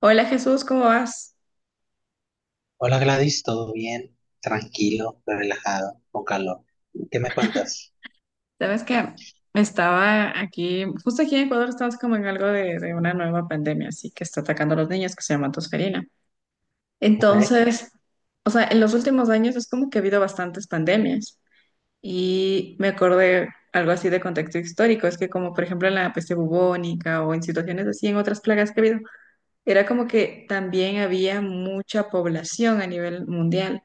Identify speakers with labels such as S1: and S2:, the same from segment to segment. S1: Hola Jesús, ¿cómo vas?
S2: Hola Gladys, ¿todo bien? Tranquilo, relajado, con calor. ¿Qué me cuentas?
S1: Sabes que estaba aquí, justo aquí en Ecuador estamos como en algo de una nueva pandemia, así que está atacando a los niños que se llama tosferina.
S2: Ok.
S1: Entonces, o sea, en los últimos años es como que ha habido bastantes pandemias y me acordé algo así de contexto histórico, es que como por ejemplo en la peste bubónica o en situaciones así en otras plagas que ha habido, era como que también había mucha población a nivel mundial.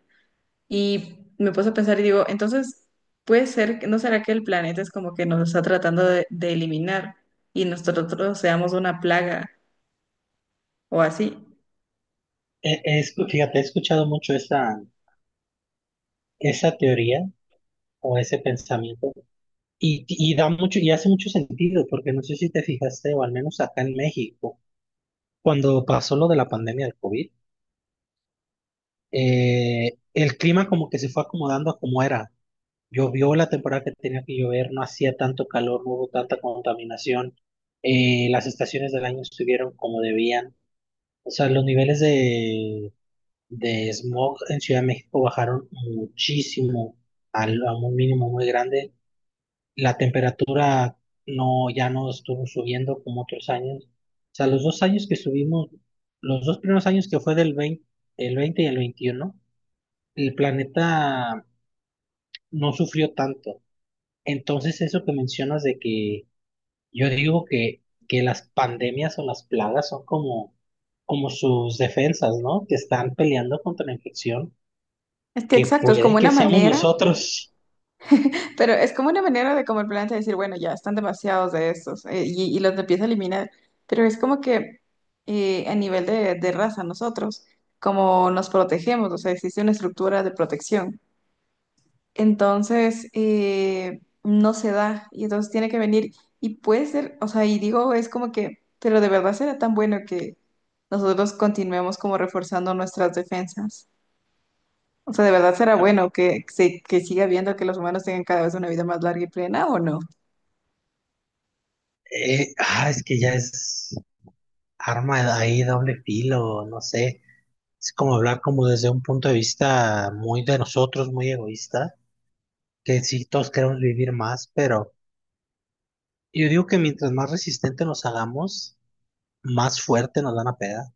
S1: Y me puse a pensar y digo, entonces, puede ser, ¿no será que el planeta es como que nos está tratando de eliminar y nosotros seamos una plaga o así?
S2: Fíjate, he escuchado mucho esa teoría o ese pensamiento y da mucho, y hace mucho sentido, porque no sé si te fijaste, o al menos acá en México, cuando pasó lo de la pandemia del COVID, el clima como que se fue acomodando a como era. Llovió la temporada que tenía que llover, no hacía tanto calor, no hubo tanta contaminación, las estaciones del año estuvieron como debían. O sea, los niveles de smog en Ciudad de México bajaron muchísimo, a un mínimo muy grande. La temperatura no, ya no estuvo subiendo como otros años. O sea, los dos años que subimos, los dos primeros años que fue del 20 el 20 y el 21, el planeta no sufrió tanto. Entonces, eso que mencionas de que. Yo digo que las pandemias o las plagas son como sus defensas, ¿no? Que están peleando contra la infección,
S1: Es que
S2: que
S1: exacto, es como
S2: puede que
S1: una
S2: seamos
S1: manera,
S2: nosotros.
S1: pero es como una manera de como el planeta decir, bueno, ya están demasiados de estos y los empieza a eliminar, pero es como que a nivel de raza nosotros, como nos protegemos, o sea, existe una estructura de protección. Entonces no se da y entonces tiene que venir y puede ser, o sea, y digo, es como que, pero de verdad será tan bueno que nosotros continuemos como reforzando nuestras defensas. O sea, ¿de verdad será bueno que, se, que siga viendo que los humanos tengan cada vez una vida más larga y plena o no?
S2: Es que ya es arma de ahí, doble filo, no sé. Es como hablar como desde un punto de vista muy de nosotros, muy egoísta, que sí, todos queremos vivir más, pero yo digo que mientras más resistente nos hagamos, más fuerte nos dan a peda.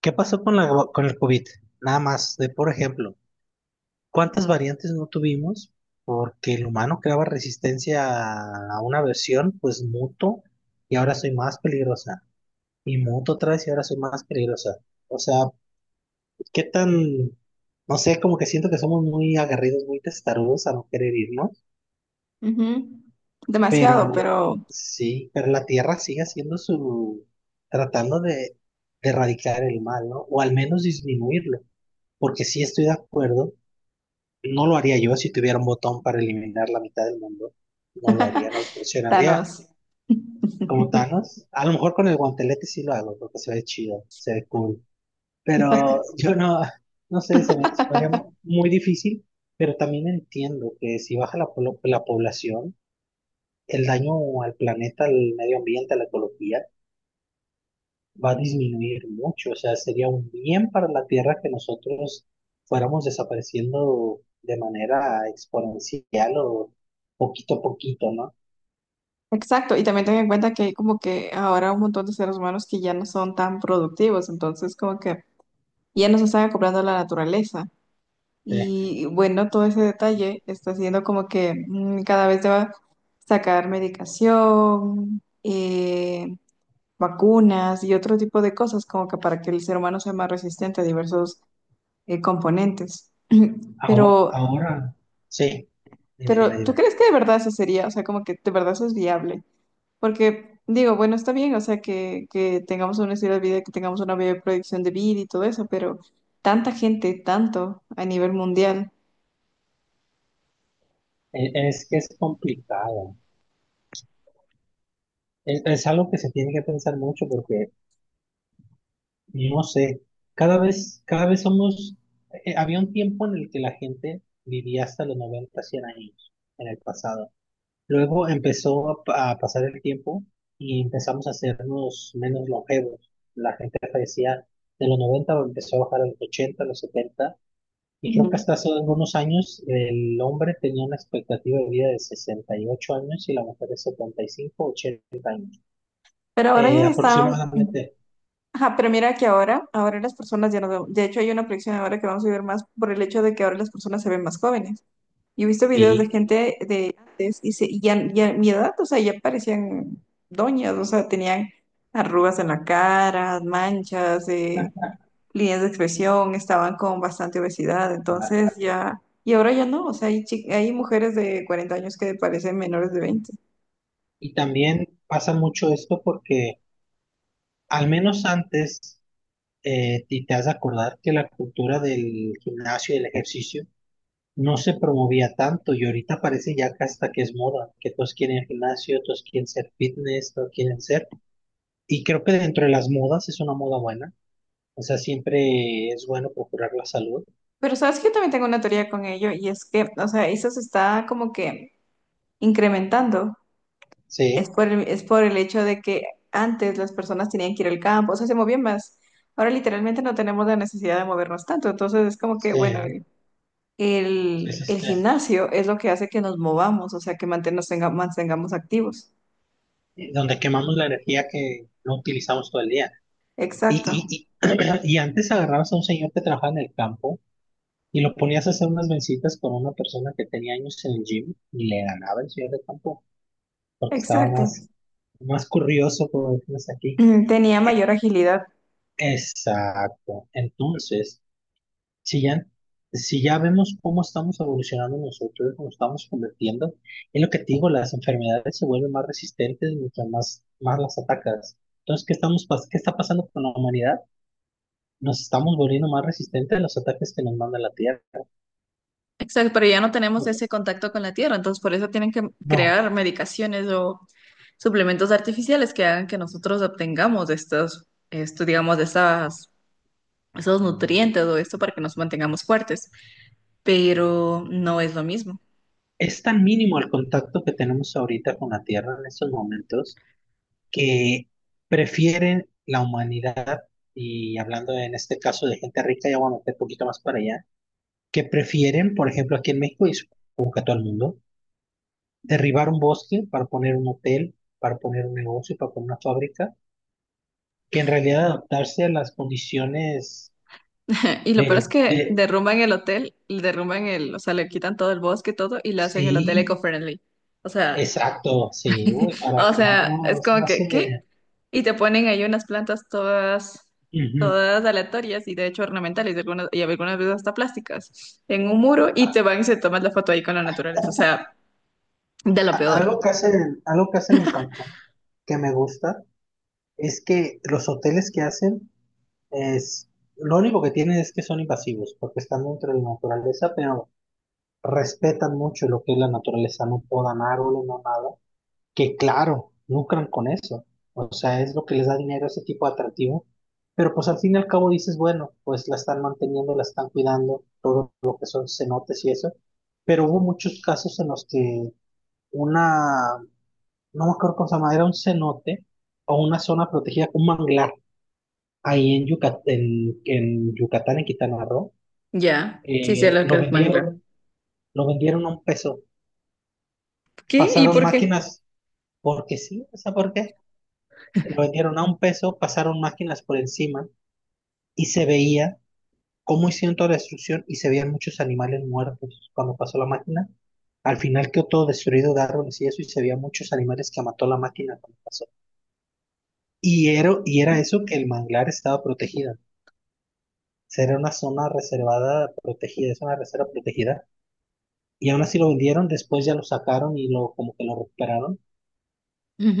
S2: ¿Qué pasó con con el COVID? Nada más, de por ejemplo. ¿Cuántas variantes no tuvimos? Porque el humano creaba resistencia a una versión, pues muto, y ahora soy más peligrosa. Y muto otra vez y ahora soy más peligrosa. O sea, qué tan, no sé, como que siento que somos muy agarridos, muy testarudos a no querer irnos.
S1: Ujú. Demasiado,
S2: Pero
S1: pero
S2: sí, pero la Tierra sigue haciendo su, tratando de erradicar el mal, ¿no? O al menos disminuirlo. Porque sí estoy de acuerdo. No lo haría yo si tuviera un botón para eliminar la mitad del mundo. No lo haría, no lo presionaría
S1: Thanos.
S2: como Thanos. A lo mejor con el guantelete sí lo hago, porque se ve chido, se ve cool. Pero yo no, no sé, se me haría muy difícil, pero también entiendo que si baja la población, el daño al planeta, al medio ambiente, a la ecología, va a disminuir mucho, o sea, sería un bien para la Tierra que nosotros fuéramos desapareciendo de manera exponencial o poquito a poquito, ¿no?
S1: Exacto, y también ten en cuenta que hay como que ahora un montón de seres humanos que ya no son tan productivos, entonces como que ya nos están acoplando a la naturaleza.
S2: Sí.
S1: Y bueno, todo ese detalle está haciendo como que cada vez deba sacar medicación, vacunas y otro tipo de cosas como que para que el ser humano sea más resistente a diversos componentes.
S2: Aho-
S1: Pero,
S2: Ahora, sí, dime, dime,
S1: pero, ¿tú
S2: dime.
S1: crees que de verdad eso sería? O sea, como que de verdad eso es viable. Porque digo, bueno, está bien, o sea, que tengamos un estilo de vida, que tengamos una buena proyección de vida y todo eso, pero tanta gente, tanto a nivel mundial.
S2: Es que es complicado, es algo que se tiene que pensar mucho porque, no sé, cada vez somos, había un tiempo en el que la gente vivía hasta los 90 100 años en el pasado. Luego empezó a pasar el tiempo y empezamos a hacernos menos longevos. La gente fallecía de los 90 empezó a bajar a los 80 a los 70. Y creo que hasta hace algunos años el hombre tenía una expectativa de vida de 68 años y la mujer de 75, 80,
S1: Pero ahora ya están
S2: aproximadamente.
S1: ajá, pero mira que ahora, ahora las personas ya no... de hecho, hay una proyección ahora que vamos a ver más por el hecho de que ahora las personas se ven más jóvenes. Yo he visto videos
S2: Y,
S1: de gente de antes y, se, y ya, ya mi edad, o sea, ya parecían doñas, o sea, tenían arrugas en la cara, manchas, líneas de expresión, estaban con bastante obesidad, entonces ya, y ahora ya no, o sea, hay, hay mujeres de 40 años que parecen menores de 20.
S2: y también pasa mucho esto porque al menos antes, y te has de acordar que la cultura del gimnasio y el ejercicio no se promovía tanto y ahorita parece ya que hasta que es moda, que todos quieren el gimnasio, todos quieren ser fitness, todos quieren ser. Y creo que dentro de las modas es una moda buena. O sea, siempre es bueno procurar la salud.
S1: Pero sabes que yo también tengo una teoría con ello y es que, o sea, eso se está como que incrementando. Es
S2: Sí,
S1: por es por el hecho de que antes las personas tenían que ir al campo, o sea, se movían más. Ahora literalmente no tenemos la necesidad de movernos tanto, entonces es como que,
S2: sí,
S1: bueno, el,
S2: es
S1: el
S2: este,
S1: gimnasio es lo que hace que nos movamos, o sea, que mantengamos activos.
S2: donde quemamos la energía que no utilizamos todo el día. Y,
S1: Exacto,
S2: y antes agarrabas a un señor que trabajaba en el campo y lo ponías a hacer unas vencitas con una persona que tenía años en el gym y le ganaba el señor de campo porque estaba
S1: exacto.
S2: más curioso, como decimos aquí.
S1: Mm, tenía mayor
S2: E-
S1: agilidad.
S2: Exacto. Entonces, si ya, si ya vemos cómo estamos evolucionando nosotros, cómo estamos convirtiendo, es lo que te digo, las enfermedades se vuelven más resistentes mientras más las atacas. Entonces, ¿qué estamos, qué está pasando con la humanidad? Nos estamos volviendo más resistentes a los ataques que nos manda la Tierra.
S1: Exacto, pero ya no tenemos
S2: No,
S1: ese contacto con la tierra, entonces por eso tienen que
S2: no,
S1: crear medicaciones o suplementos artificiales que hagan que nosotros obtengamos estos, esto, digamos, de esas esos nutrientes o esto para que nos mantengamos fuertes, pero no es lo mismo.
S2: es tan mínimo el contacto que tenemos ahorita con la Tierra en estos momentos que prefieren la humanidad, y hablando en este caso de gente rica, ya voy a meter un poquito más para allá, que prefieren, por ejemplo, aquí en México y supongo que todo el mundo, derribar un bosque para poner un hotel, para poner un negocio, para poner una fábrica, que en realidad adaptarse a las condiciones
S1: Y lo peor es
S2: del-
S1: que
S2: de...
S1: derrumban el hotel, derrumban el, o sea, le quitan todo el bosque, todo, y le hacen el hotel
S2: Sí,
S1: eco-friendly. O sea,
S2: exacto, sí, uy, para
S1: o
S2: que no,
S1: sea,
S2: no,
S1: es
S2: no se me
S1: como que, ¿qué?
S2: hace.
S1: Y te ponen ahí unas plantas todas,
S2: Ujú.
S1: todas aleatorias y de hecho ornamentales, y algunas veces hasta plásticas, en un muro y
S2: A-
S1: te van y se toman la foto ahí con la naturaleza. O sea, de lo peor.
S2: Algo que hacen en Cancún que me gusta. Es que los hoteles que hacen es, lo único que tienen es que son invasivos, porque están dentro de la naturaleza, pero respetan mucho lo que es la naturaleza, no podan árboles, no nada, que claro, lucran con eso. O sea, es lo que les da dinero a ese tipo de atractivo. Pero pues al fin y al cabo dices, bueno, pues la están manteniendo, la están cuidando, todo lo que son cenotes y eso. Pero hubo muchos casos en los que una, no me acuerdo cómo se llama, era un cenote o una zona protegida, un manglar ahí en Yucatán, en Quintana Roo,
S1: Ya, sí, sí,
S2: eh,
S1: lo que
S2: lo
S1: es manglar.
S2: vendieron, lo vendieron a un peso.
S1: ¿Qué? ¿Y
S2: Pasaron
S1: por qué?
S2: máquinas, porque sí, no sé por qué. Lo vendieron a un peso, pasaron máquinas por encima y se veía cómo hicieron toda la destrucción y se veían muchos animales muertos cuando pasó la máquina. Al final quedó todo destruido de árboles y eso y se veía muchos animales que mató la máquina cuando pasó. Y era eso que el manglar estaba protegida. O sea, era una zona reservada protegida, es una reserva protegida y aún así lo vendieron, después ya lo sacaron y lo como que lo recuperaron.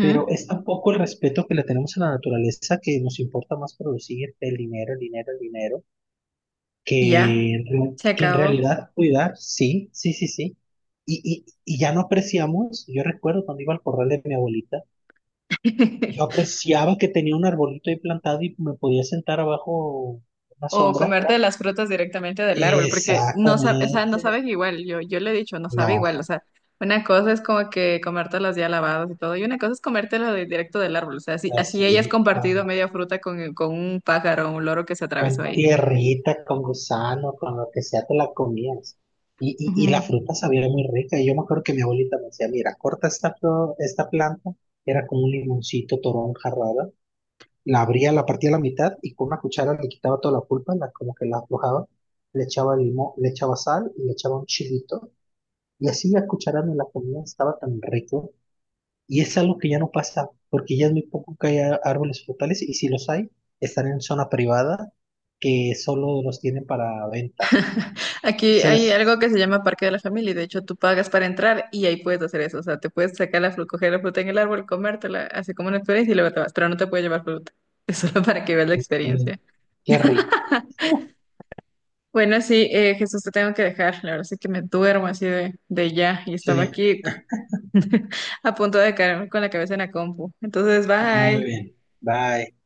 S2: Pero es tampoco el respeto que le tenemos a la naturaleza que nos importa más producir el dinero, el dinero, el dinero,
S1: Y ya,
S2: que,
S1: se
S2: que en
S1: acabó.
S2: realidad cuidar, sí, sí, sí, sí. Ya no apreciamos, yo recuerdo cuando iba al corral de mi abuelita, yo apreciaba que tenía un arbolito ahí plantado y me podía sentar abajo una
S1: O
S2: sombra.
S1: comerte las frutas directamente del árbol, porque no sabe, o sea,
S2: Exactamente.
S1: no saben igual. Yo, le he dicho, no sabe
S2: No,
S1: igual. O sea, una cosa es como que comértelas ya lavadas y todo, y una cosa es comértelas de, directo del árbol. O sea, así, así hayas
S2: así.
S1: compartido media fruta con un pájaro o un loro que se atravesó
S2: Con
S1: ahí.
S2: tierrita, con gusano, con lo que sea, te la comías. La
S1: Ujú.
S2: fruta sabía muy rica. Y yo me acuerdo que mi abuelita me decía, mira, corta esta, esta planta. Era como un limoncito, toronja rara. La abría, la partía a la mitad y con una cuchara le quitaba toda la pulpa, la, como que la aflojaba. Le echaba limón, le echaba sal y le echaba un chilito. Y así la cuchara me la comía, estaba tan rico. Y es algo que ya no pasa, porque ya es muy poco que haya árboles frutales y si los hay, están en zona privada que solo los tienen para venta.
S1: Aquí hay
S2: Entonces,
S1: algo que se llama Parque de la Familia, y de hecho tú pagas para entrar y ahí puedes hacer eso. O sea, te puedes sacar la fruta, coger la fruta en el árbol, comértela, así como una experiencia y luego te vas, pero no te puedes llevar fruta. Es solo para que veas la
S2: mm,
S1: experiencia.
S2: qué rico.
S1: Bueno, sí, Jesús, te tengo que dejar. La verdad es que me duermo así de ya y estaba
S2: Sí,
S1: aquí a punto de caerme con la cabeza en la compu. Entonces,
S2: muy
S1: bye.
S2: bien. Bye.